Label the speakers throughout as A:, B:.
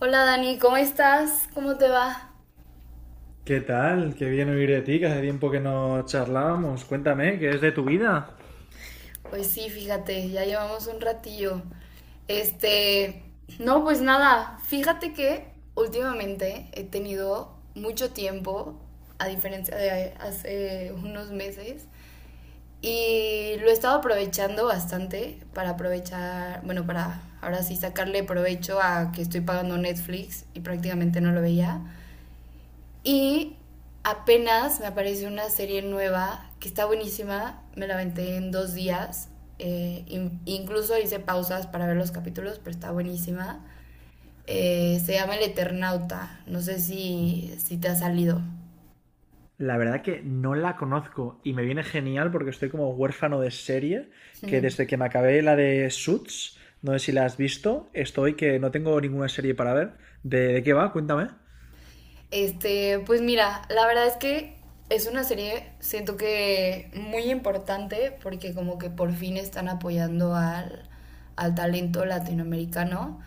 A: Hola Dani, ¿cómo estás? ¿Cómo te va?
B: ¿Qué tal? Qué bien oír de ti, que hace tiempo que no charlábamos. Cuéntame, ¿qué es de tu vida?
A: Pues sí, fíjate, ya llevamos un ratillo. Este, no, pues nada, fíjate que últimamente he tenido mucho tiempo, a diferencia de hace unos meses, y lo he estado aprovechando bastante para aprovechar, bueno, para ahora sí sacarle provecho a que estoy pagando Netflix y prácticamente no lo veía. Y apenas me apareció una serie nueva que está buenísima, me la aventé en 2 días, eh, incluso hice pausas para ver los capítulos, pero está buenísima. Se llama El Eternauta, no sé si te ha salido.
B: La verdad que no la conozco y me viene genial porque estoy como huérfano de serie, que desde que me acabé la de Suits, no sé si la has visto, estoy que no tengo ninguna serie para ver. ¿De qué va? Cuéntame.
A: Pues mira, la verdad es que es una serie, siento que muy importante porque como que por fin están apoyando al talento latinoamericano.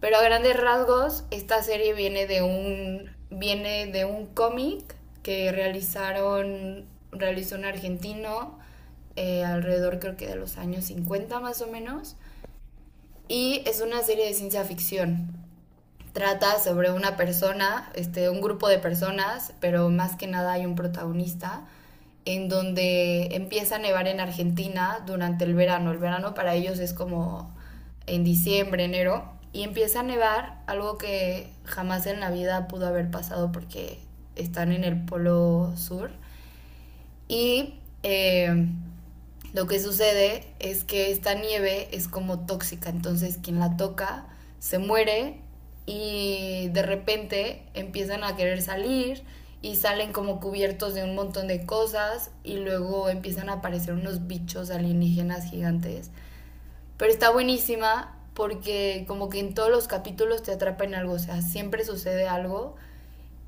A: Pero a grandes rasgos, esta serie viene de un cómic que realizó un argentino, alrededor creo que de los años 50 más o menos. Y es una serie de ciencia ficción, trata sobre una persona, un grupo de personas, pero más que nada hay un protagonista, en donde empieza a nevar en Argentina durante el verano. El verano para ellos es como en diciembre, enero, y empieza a nevar, algo que jamás en la vida pudo haber pasado porque están en el polo sur. Y eh, lo que sucede es que esta nieve es como tóxica, entonces quien la toca se muere y de repente empiezan a querer salir y salen como cubiertos de un montón de cosas y luego empiezan a aparecer unos bichos alienígenas gigantes. Pero está buenísima porque como que en todos los capítulos te atrapa en algo, o sea, siempre sucede algo,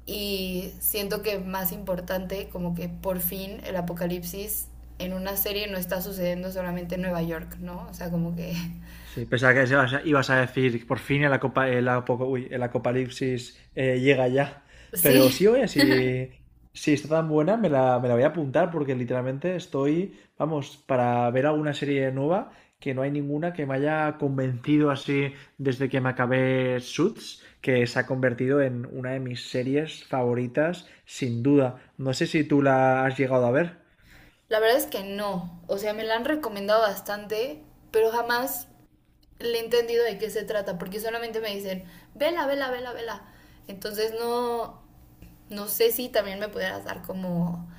A: y siento que más importante, como que por fin el apocalipsis en una serie no está sucediendo solamente en Nueva York, ¿no? O sea, como que...
B: Sí, pensaba que ibas a decir por fin el, acopa- el apo- uy, el apocalipsis llega ya. Pero
A: Sí,
B: sí, oye, si está tan buena, me la voy a apuntar porque literalmente estoy, vamos, para ver alguna serie nueva que no hay ninguna que me haya convencido así desde que me acabé Suits, que se ha convertido en una de mis series favoritas, sin duda. No sé si tú la has llegado a ver.
A: la verdad es que no. O sea, me la han recomendado bastante, pero jamás le he entendido de qué se trata, porque solamente me dicen, vela, vela, vela, vela. Entonces no, no sé si también me pudieras dar como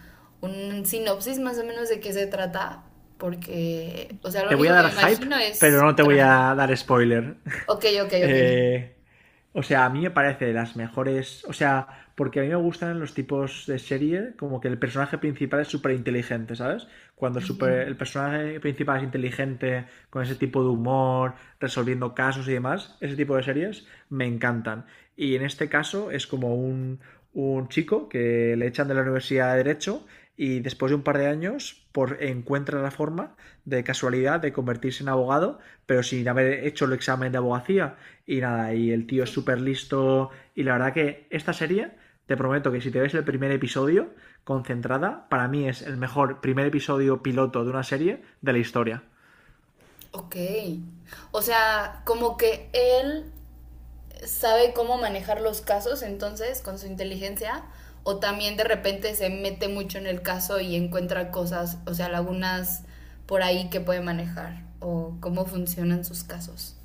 A: un sinopsis más o menos de qué se trata, porque, o sea, lo
B: Te voy a
A: único que
B: dar
A: me
B: hype,
A: imagino
B: pero
A: es
B: no te voy
A: traje.
B: a dar spoiler.
A: Ok, ok, ok.
B: Eh, o sea, a mí me parece de las mejores. O sea, porque a mí me gustan los tipos de serie como que el personaje principal es súper inteligente, ¿sabes? Cuando el,
A: Ujú.
B: super- el personaje principal es inteligente, con ese tipo de humor, resolviendo casos y demás, ese tipo de series me encantan. Y en este caso es como un chico que le echan de la Universidad de Derecho y después de un par de años encuentra la forma de casualidad de convertirse en abogado, pero sin haber hecho el examen de abogacía. Y nada, y el tío es súper listo. Y la verdad que esta serie, te prometo que si te ves el primer episodio, concentrada, para mí es el mejor primer episodio piloto de una serie de la historia.
A: Ok. O sea, como que él sabe cómo manejar los casos, entonces, con su inteligencia, o también de repente se mete mucho en el caso y encuentra cosas, o sea, lagunas por ahí que puede manejar, o cómo funcionan sus casos.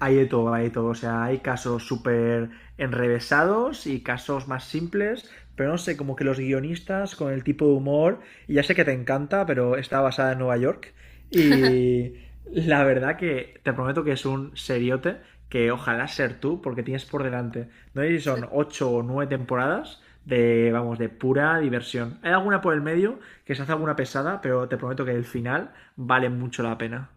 B: Hay de todo, hay de todo. O sea, hay casos súper enrevesados y casos más simples, pero no sé, como que los guionistas con el tipo de humor, y ya sé que te encanta, pero está basada en Nueva York. Y la verdad que te prometo que es un seriote que ojalá ser tú, porque tienes por delante. No sé si son ocho o nueve temporadas de, vamos, de pura diversión. Hay alguna por el medio que se hace alguna pesada, pero te prometo que el final vale mucho la pena.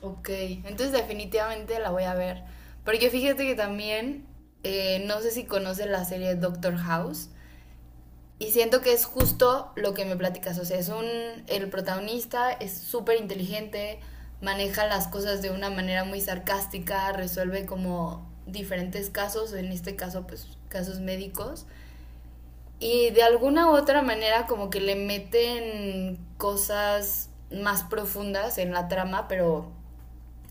A: Ok, entonces definitivamente la voy a ver. Porque fíjate que también, no sé si conoces la serie Doctor House. Y siento que es justo lo que me platicas, o sea, el protagonista es súper inteligente, maneja las cosas de una manera muy sarcástica, resuelve como diferentes casos, en este caso pues casos médicos, y de alguna u otra manera como que le meten cosas más profundas en la trama, pero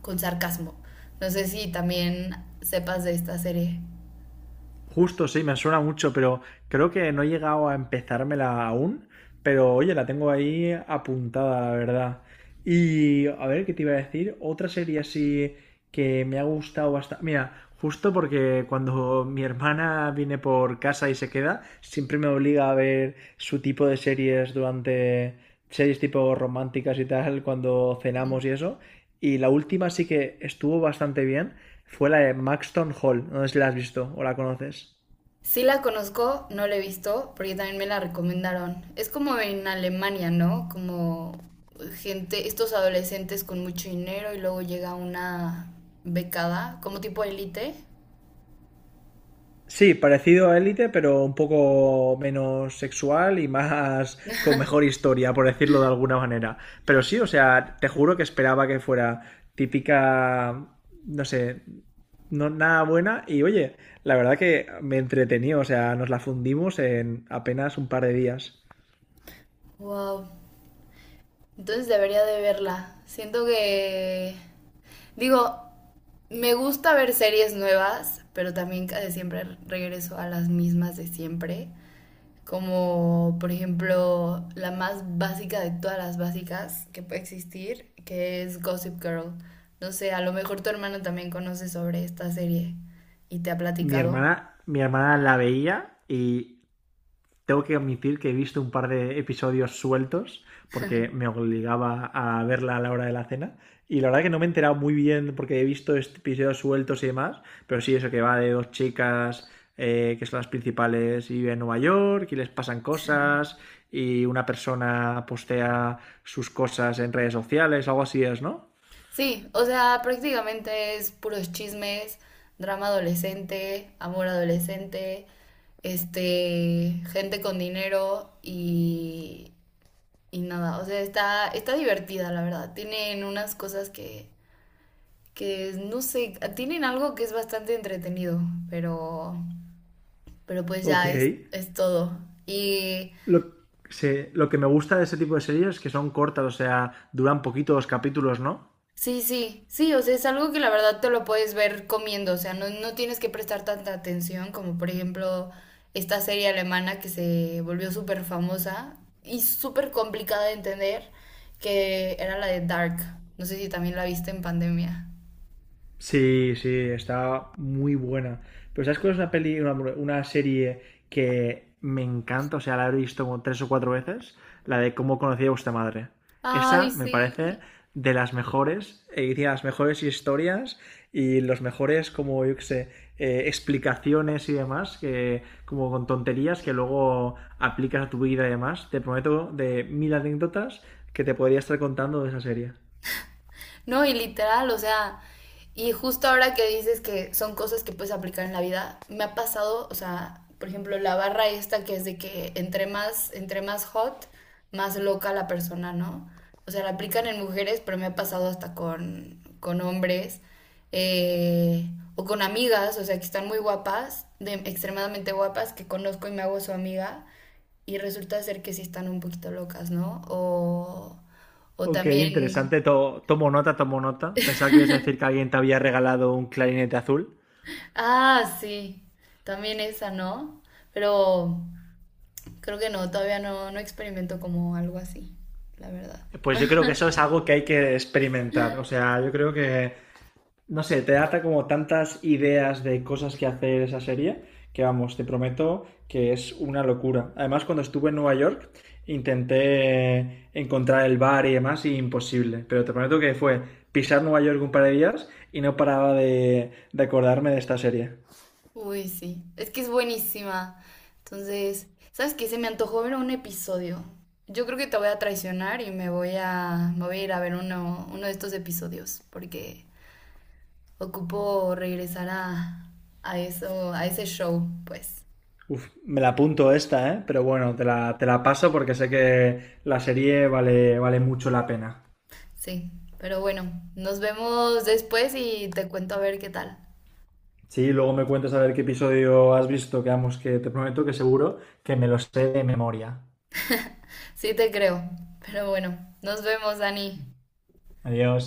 A: con sarcasmo. No sé si también sepas de esta serie.
B: Justo, sí, me suena mucho, pero creo que no he llegado a empezármela aún. Pero oye, la tengo ahí apuntada, la verdad. Y a ver, ¿qué te iba a decir? Otra serie así que me ha gustado bastante. Mira, justo porque cuando mi hermana viene por casa y se queda, siempre me obliga a ver su tipo de series durante series tipo románticas y tal, cuando cenamos y eso. Y la última sí que estuvo bastante bien, fue la de Maxton Hall. No sé si la has visto o la conoces.
A: Sí la conozco, no la he visto, porque también me la recomendaron. Es como en Alemania, ¿no? Como gente, estos adolescentes con mucho dinero y luego llega una becada, como tipo élite.
B: Sí, parecido a Élite, pero un poco menos sexual y más con mejor historia, por decirlo de alguna manera. Pero sí, o sea, te juro que esperaba que fuera típica, no sé, no, nada buena. Y oye, la verdad que me entretení, o sea, nos la fundimos en apenas un par de días.
A: Wow. Entonces debería de verla. Siento que, digo, me gusta ver series nuevas, pero también casi siempre regreso a las mismas de siempre. Como por ejemplo la más básica de todas las básicas que puede existir, que es Gossip Girl. No sé, a lo mejor tu hermano también conoce sobre esta serie y te ha
B: Mi
A: platicado.
B: hermana, mi hermana la veía y tengo que admitir que he visto un par de episodios sueltos porque me obligaba a verla a la hora de la cena. Y la verdad que no me he enterado muy bien porque he visto este episodios sueltos y demás. Pero sí, eso que va de dos chicas que son las principales y viven en Nueva York y les pasan cosas y una persona postea sus cosas en redes sociales, algo así es, ¿no?
A: Sí, o sea, prácticamente es puros chismes, drama adolescente, amor adolescente, gente con dinero y nada. O sea, está divertida, la verdad. Tienen unas cosas que no sé, tienen algo que es bastante entretenido, pero, pero pues
B: Ok.
A: ya es todo. Y
B: Lo, lo que me gusta de ese tipo de series es que son cortas, o sea, duran poquito los capítulos, ¿no?
A: sí, sí, sí, o sea, es algo que la verdad te lo puedes ver comiendo, o sea, no, no tienes que prestar tanta atención como por ejemplo esta serie alemana que se volvió súper famosa y súper complicada de entender, que era la de Dark. No sé si también la viste en pandemia.
B: Sí, sí, está muy buena. Pero ¿sabes cuál es una peli, una serie que me encanta? O sea, la he visto como tres o cuatro veces. La de cómo conocí a vuestra madre. Esa
A: Ay,
B: me
A: sí.
B: parece de las mejores, tiene las mejores historias y los mejores, como yo que sé, explicaciones y demás, que como con tonterías que luego aplicas a tu vida y demás. Te prometo de mil anécdotas que te podría estar contando de esa serie.
A: No, y literal, o sea, y justo ahora que dices que son cosas que puedes aplicar en la vida, me ha pasado, o sea, por ejemplo, la barra esta que es de que entre más hot, más loca la persona, ¿no? O sea, la aplican en mujeres, pero me ha pasado hasta con hombres, eh, o con amigas, o sea, que están muy guapas, extremadamente guapas, que conozco y me hago su amiga, y resulta ser que sí están un poquito locas, ¿no? O
B: Ok,
A: también.
B: interesante. Tomo nota, tomo nota. Pensaba que ibas a decir que alguien te había regalado un clarinete azul.
A: Ah, sí, también esa, ¿no? Pero creo que no, todavía no, no experimento como algo así, la verdad.
B: Pues yo creo que eso es algo que hay que experimentar. O sea, yo creo que, no sé, te da como tantas ideas de cosas que hacer esa serie que, vamos, te prometo que es una locura. Además, cuando estuve en Nueva York, intenté encontrar el bar y demás, y imposible. Pero te prometo que fue pisar Nueva York un par de días y no paraba de acordarme de esta serie.
A: Uy, sí, es que es buenísima. Entonces, ¿sabes qué? Se me antojó ver un episodio. Yo creo que te voy a traicionar y me voy a ir a ver uno de estos episodios, porque ocupo regresar a ese show, pues.
B: Uf, me la apunto esta, ¿eh? Pero bueno, te la paso porque sé que la serie vale, vale mucho la pena.
A: Sí, pero bueno, nos vemos después y te cuento a ver qué tal.
B: Sí, luego me cuentas a ver qué episodio has visto, que vamos, que te prometo que seguro que me lo sé de memoria.
A: Sí te creo. Pero bueno, nos vemos, Dani.
B: Adiós.